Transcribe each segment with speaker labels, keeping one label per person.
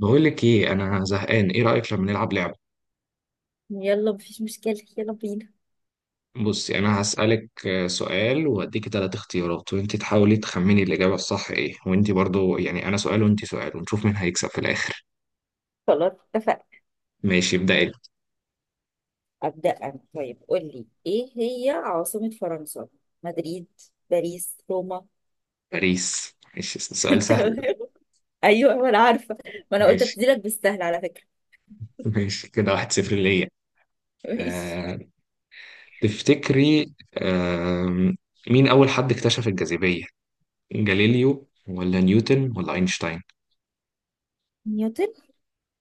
Speaker 1: بقول لك ايه، انا زهقان. ايه رايك لما نلعب لعبه؟
Speaker 2: يلا مفيش مشكلة، يلا بينا.
Speaker 1: بصي، انا هسالك سؤال واديك ثلاث اختيارات وانت تحاولي تخمني الاجابه الصح ايه، وانت برضو، يعني انا سؤال وانت سؤال ونشوف مين هيكسب في الاخر.
Speaker 2: خلاص، اتفقنا.
Speaker 1: ماشي، ابدأي.
Speaker 2: أبدأ أنا. طيب، قول لي إيه هي عاصمة فرنسا؟ مدريد، باريس، روما.
Speaker 1: باريس. ماشي، سؤال سهل
Speaker 2: تمام.
Speaker 1: ده.
Speaker 2: أيوه، ما أنا عارفة. ما أنا قلت
Speaker 1: ماشي،
Speaker 2: أبتديلك بالسهل على فكرة.
Speaker 1: ماشي، كده واحد صفر ليا.
Speaker 2: ماشي.
Speaker 1: آه، تفتكري مين اول حد اكتشف الجاذبيه؟ جاليليو ولا نيوتن ولا اينشتاين؟
Speaker 2: نيوتن.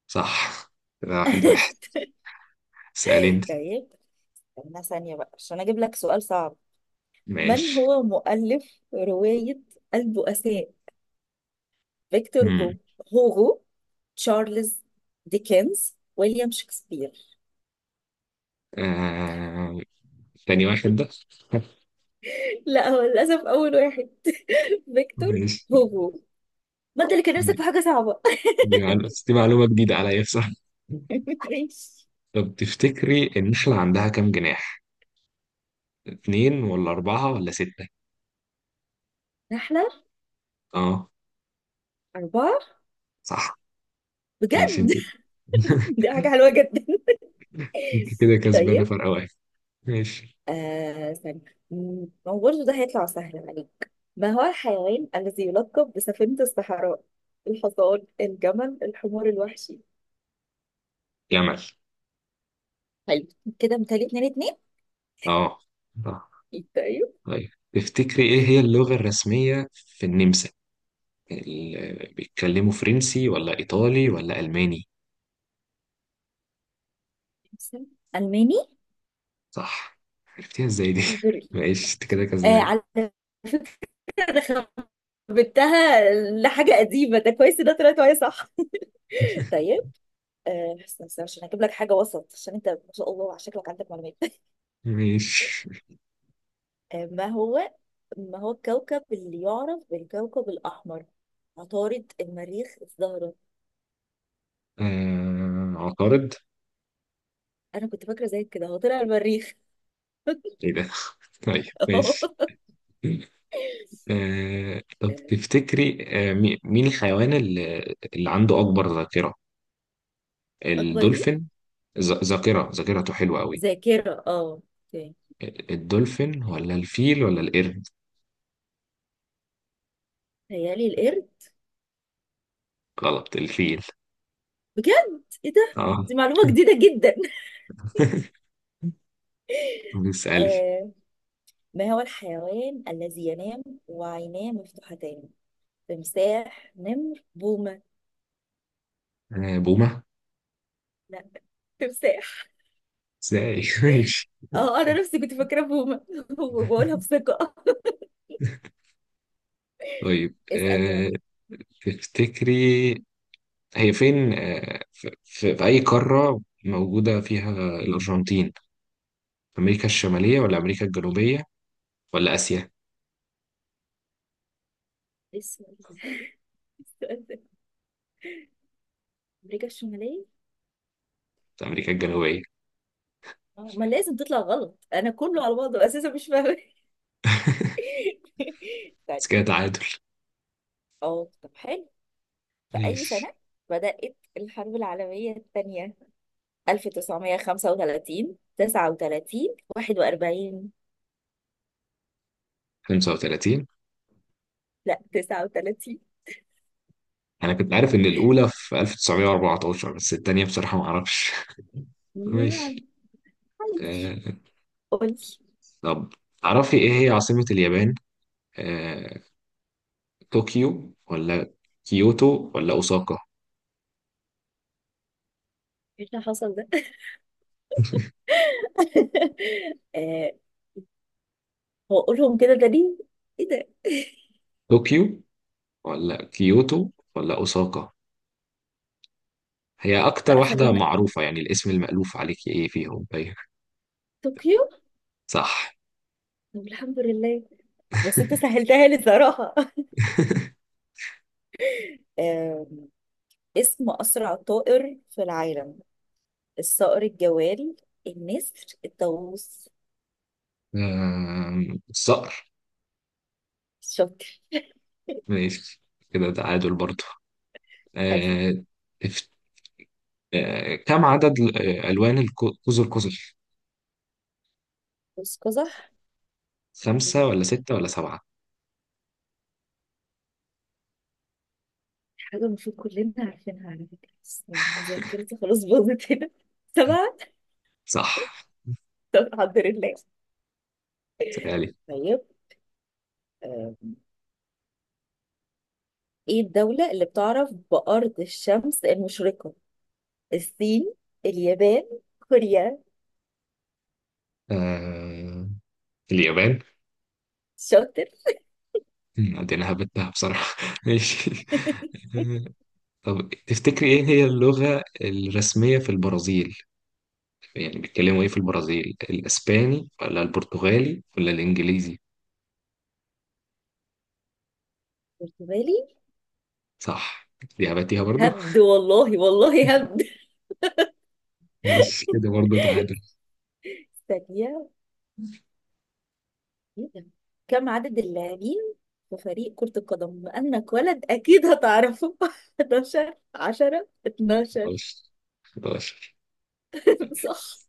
Speaker 1: صح. كده واحد واحد. سأل انت.
Speaker 2: طيب، استنى ثانية بقى عشان أجيب لك سؤال صعب. من
Speaker 1: ماشي.
Speaker 2: هو مؤلف رواية البؤساء؟ فيكتور جو، هوغو، تشارلز ديكنز، ويليام شكسبير.
Speaker 1: آه... تاني واحد ده.
Speaker 2: لا، هو للأسف أول واحد، فيكتور
Speaker 1: ماشي.
Speaker 2: هوجو. ما انت اللي كان
Speaker 1: دي
Speaker 2: نفسك في حاجه صعبه.
Speaker 1: دي معلومة، بس دي معلومة جديدة عليا بصراحة.
Speaker 2: ماشي.
Speaker 1: طب تفتكري النحلة عندها كام جناح؟ اتنين ولا أربعة ولا ستة؟
Speaker 2: نحله.
Speaker 1: اه.
Speaker 2: اربعه.
Speaker 1: صح. ماشي،
Speaker 2: بجد.
Speaker 1: انت
Speaker 2: دي حاجه حلوه جدا.
Speaker 1: انت كده كسبانة
Speaker 2: طيب.
Speaker 1: فرق واحد. ماشي.
Speaker 2: استنى. هو برضه ده هيطلع سهل عليك. ما هو الحيوان الذي يلقب بسفينه الصحراء؟ الحصان، الجمل، الحمار الوحشي.
Speaker 1: جمل.
Speaker 2: حلو. كده متهيألي اتنين.
Speaker 1: اه، اه.
Speaker 2: اتنين، طيب.
Speaker 1: طيب تفتكري ايه هي اللغة الرسمية في النمسا؟ بيتكلموا فرنسي ولا إيطالي ولا ألماني؟
Speaker 2: الماني.
Speaker 1: صح. عرفتيها ازاي دي؟
Speaker 2: هنغري.
Speaker 1: ماشي، انت كده
Speaker 2: آه،
Speaker 1: كسبانة.
Speaker 2: على فكرة خربتها لحاجه قديمه، ده كويس إن ده طلعت معايا صح. طيب. استنى عشان هجيب لك حاجة وسط، عشان انت ما شاء الله على شكلك عندك معلومات.
Speaker 1: ماشي.
Speaker 2: آه، ما هو ما هو الكوكب اللي يعرف بالكوكب الأحمر؟ عطارد، المريخ، الزهرة.
Speaker 1: عقارب.
Speaker 2: أنا كنت فاكرة زي كده، هو طلع المريخ.
Speaker 1: ايه ده؟ طيب،
Speaker 2: آه،
Speaker 1: ماشي. طب تفتكري، مين الحيوان اللي عنده أكبر ذاكرة؟
Speaker 2: أكبر إيه؟
Speaker 1: الدولفين. ذ- ذاكرة ذاكرته حلوة قوي.
Speaker 2: ذاكرة، اه، اوكي.
Speaker 1: الدولفين ولا الفيل ولا القرد؟
Speaker 2: تهيألي القرد.
Speaker 1: غلط، الفيل.
Speaker 2: بجد، إيه ده؟
Speaker 1: اه.
Speaker 2: دي معلومة جديدة جدا.
Speaker 1: بيسألي.
Speaker 2: آه، ما هو الحيوان الذي ينام وعيناه مفتوحتان؟ تمساح، نمر، بومة.
Speaker 1: بومة.
Speaker 2: لا، تمساح.
Speaker 1: ازاي؟ ماشي.
Speaker 2: اه، انا نفسي كنت فاكره بومه وبقولها بثقه.
Speaker 1: طيب.
Speaker 2: اسال يلا.
Speaker 1: تفتكري هي فين، في أي قارة موجودة فيها الأرجنتين؟ أمريكا الشمالية ولا أمريكا الجنوبية ولا آسيا؟
Speaker 2: ايه السؤال ده إيه السؤال ده؟ امريكا الشماليه.
Speaker 1: أمريكا الجنوبية.
Speaker 2: ما لازم تطلع غلط، انا كله على بعضه اساسا مش فاهمه. طيب.
Speaker 1: بس كده تعادل.
Speaker 2: اه، طب حلو. في اي
Speaker 1: ماشي.
Speaker 2: سنه بدات الحرب العالميه الثانيه؟ 1935، 39، 41.
Speaker 1: 35.
Speaker 2: لا، 39.
Speaker 1: أنا كنت عارف إن الأولى في 1914، بس التانية بصراحة ما أعرفش.
Speaker 2: نعم
Speaker 1: ماشي.
Speaker 2: حبيبتي،
Speaker 1: آه،
Speaker 2: قولي.
Speaker 1: طب تعرفي إيه هي عاصمة اليابان؟ آه، طوكيو ولا كيوتو ولا أوساكا؟
Speaker 2: ايه اللي حصل ده؟ آه، هو اقولهم كده ده ليه؟ ايه ده.
Speaker 1: طوكيو ولا كيوتو ولا أوساكا، هي أكتر
Speaker 2: لا،
Speaker 1: واحدة
Speaker 2: خلينا
Speaker 1: معروفة؟ يعني الاسم المألوف عليك إيه فيهم؟ طيب.
Speaker 2: طوكيو.
Speaker 1: صح.
Speaker 2: طب الحمد لله، بس انت سهلتها لي صراحة. آم، اسم أسرع طائر في العالم. الصقر الجوال، النسر، الطاووس.
Speaker 1: الصقر.
Speaker 2: شاطر.
Speaker 1: ماشي، كده تعادل برضه.
Speaker 2: حلو.
Speaker 1: آه، تف- كم عدد ألوان قوس القزح؟
Speaker 2: بص قزح.
Speaker 1: خمسة
Speaker 2: يعني
Speaker 1: ولا ستة ولا سبعة؟
Speaker 2: حاجة المفروض كلنا عارفينها على فكرة، بس يعني ذاكرتي خلاص باظت هنا. سبعة.
Speaker 1: صح.
Speaker 2: طب الحمد لله.
Speaker 1: سألي.
Speaker 2: طيب. آم، ايه الدولة اللي بتعرف بأرض الشمس المشرقة؟ الصين، اليابان، كوريا.
Speaker 1: آه، اليابان.
Speaker 2: شاطر.
Speaker 1: دي أنا هبتها بصراحة. ماشي. آه، طب تفتكري إيه هي اللغة الرسمية في البرازيل؟ يعني بيتكلموا ايه في البرازيل، الاسباني ولا البرتغالي ولا الانجليزي؟
Speaker 2: برتغالي.
Speaker 1: صح. دي هبتيها برضو.
Speaker 2: هبد والله، والله هبد.
Speaker 1: ماشي، كده برضو تعادل.
Speaker 2: ثانية، إيه ده؟ كم عدد اللاعبين في فريق كرة القدم؟ بما انك ولد اكيد هتعرفه. 11، 10، 12.
Speaker 1: 11. 11.
Speaker 2: صح.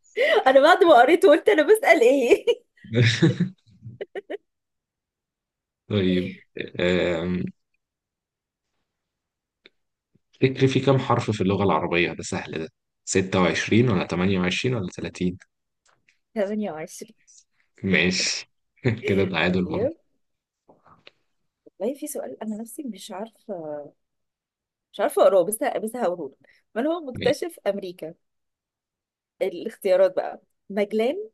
Speaker 2: انا بعد ما قريت قلت انا بسأل ايه.
Speaker 1: طيب. أم، تفتكري في كام حرف في اللغة العربية؟ ده سهل ده. 26 ولا 28 ولا 30؟
Speaker 2: 28.
Speaker 1: ماشي. كده تعادل برضه.
Speaker 2: طيب، والله في سؤال انا نفسي مش عارفة. مش عارفة اقراه، بس هقوله لك. من هو
Speaker 1: ماشي.
Speaker 2: مكتشف امريكا؟ الاختيارات بقى ماجلان،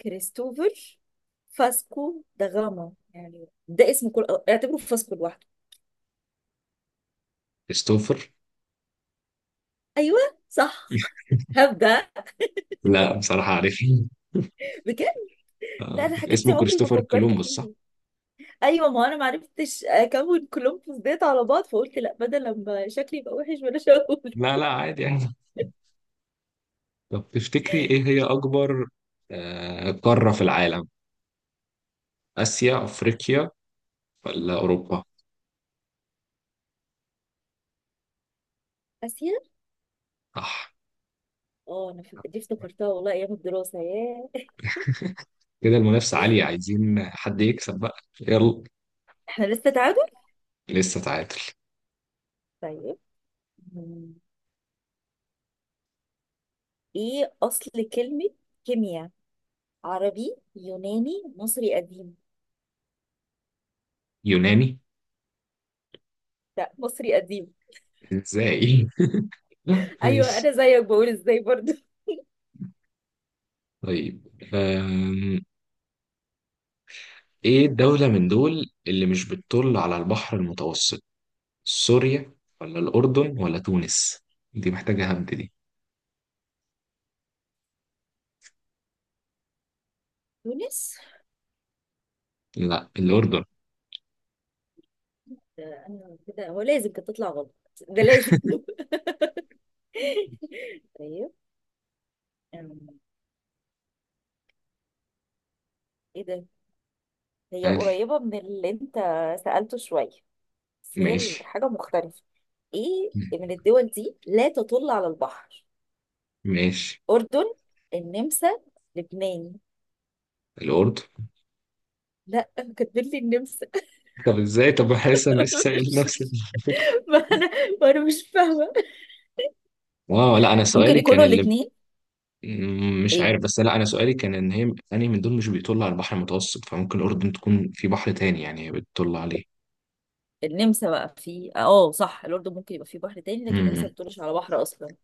Speaker 2: كريستوفر، فاسكو دا غاما. يعني ده اسم كل، اعتبره فاسكو.
Speaker 1: كريستوفر.
Speaker 2: ايوه، صح. هبدأ
Speaker 1: لا، بصراحة عارف.
Speaker 2: بجد. لا، انا الحاجات دي
Speaker 1: اسمه
Speaker 2: عمري ما
Speaker 1: كريستوفر
Speaker 2: فكرت
Speaker 1: كولومبوس صح؟
Speaker 2: فيها. ايوه، ما انا ما عرفتش اكون كولومبوس ديت على بعض، فقلت لا، بدل لما شكلي يبقى وحش بلاش اقول.
Speaker 1: لا، لا، عادي. يعني، طب تفتكري إيه هي أكبر قارة في العالم؟ آسيا، أفريقيا، ولا أوروبا؟
Speaker 2: اسيا.
Speaker 1: صح.
Speaker 2: اه، انا دي افتكرتها والله ايام الدراسه، ياه.
Speaker 1: كده المنافسة عالية، عايزين حد يكسب بقى، يلا.
Speaker 2: احنا لسه تعادل.
Speaker 1: لسه تعادل.
Speaker 2: طيب. مم. ايه اصل كلمه كيمياء؟ عربي، يوناني، مصري قديم.
Speaker 1: يوناني.
Speaker 2: لا، مصري قديم.
Speaker 1: إزاي؟
Speaker 2: ايوه،
Speaker 1: ماشي.
Speaker 2: انا زيك بقول ازاي برضو.
Speaker 1: طيب. آم، إيه الدولة من دول اللي مش بتطل على البحر المتوسط؟ سوريا ولا الأردن ولا تونس؟ دي محتاجة هبد دي.
Speaker 2: تونس.
Speaker 1: لا، الأردن.
Speaker 2: ده انا كده هو لازم كانت تطلع غلط، ده لازم. طيب. أم، ايه ده. هي
Speaker 1: قال.
Speaker 2: قريبة من اللي انت سألته شوية، بس هي
Speaker 1: ماشي،
Speaker 2: حاجة مختلفة. ايه من الدول دي لا تطل على البحر؟
Speaker 1: ماشي،
Speaker 2: أردن، النمسا، لبنان.
Speaker 1: الأردن.
Speaker 2: لا، كاتبين لي النمسا.
Speaker 1: طب ازاي؟ طب حاسس انا لسه سائل نفس
Speaker 2: مش-
Speaker 1: الفكره.
Speaker 2: ما انا ما انا مش فاهمة.
Speaker 1: اه، لا، انا
Speaker 2: ممكن
Speaker 1: سؤالي كان
Speaker 2: يكونوا
Speaker 1: اللي،
Speaker 2: الاتنين.
Speaker 1: مش
Speaker 2: ايه،
Speaker 1: عارف. بس لا، انا سؤالي كان ان هي انهي من دول مش بيطل على البحر المتوسط، فممكن الاردن تكون في بحر تاني يعني هي بتطل عليه.
Speaker 2: النمسا بقى في، اه، صح. الأردن ممكن يبقى في بحر تاني، لكن النمسا ما
Speaker 1: امم.
Speaker 2: بتطلش على بحر أصلا.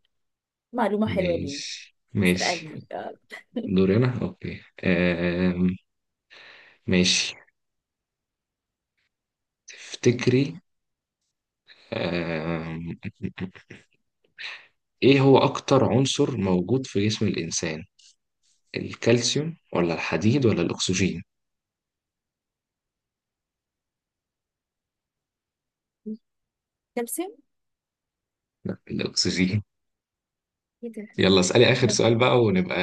Speaker 2: معلومة حلوة لينا.
Speaker 1: ماشي، ماشي.
Speaker 2: اسألني آه.
Speaker 1: دوري انا، اوكي. ماشي. تفتكري آم. ايه هو اكتر عنصر موجود في جسم الانسان؟ الكالسيوم ولا الحديد ولا الاكسجين؟
Speaker 2: كالسيوم.
Speaker 1: الاكسجين.
Speaker 2: ايه ده.
Speaker 1: يلا اسألي آخر
Speaker 2: انا
Speaker 1: سؤال بقى، ونبقى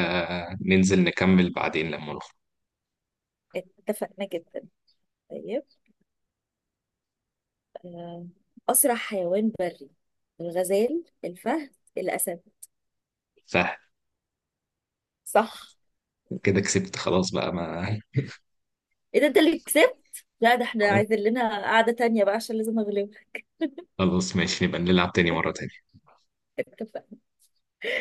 Speaker 1: ننزل نكمل بعدين لما نخرج.
Speaker 2: اتفقنا كده. طيب. آه، أسرع حيوان بري. الغزال، الفهد، الأسد.
Speaker 1: صح.
Speaker 2: صح.
Speaker 1: كده كسبت خلاص بقى ما.
Speaker 2: إيه ده، أنت اللي كسبت. لا، ده احنا عايزين لنا قعدة تانية بقى، عشان لازم أغلبك.
Speaker 1: خلاص، ماشي، نبقى نلعب تاني مرة تاني.
Speaker 2: اتفقنا.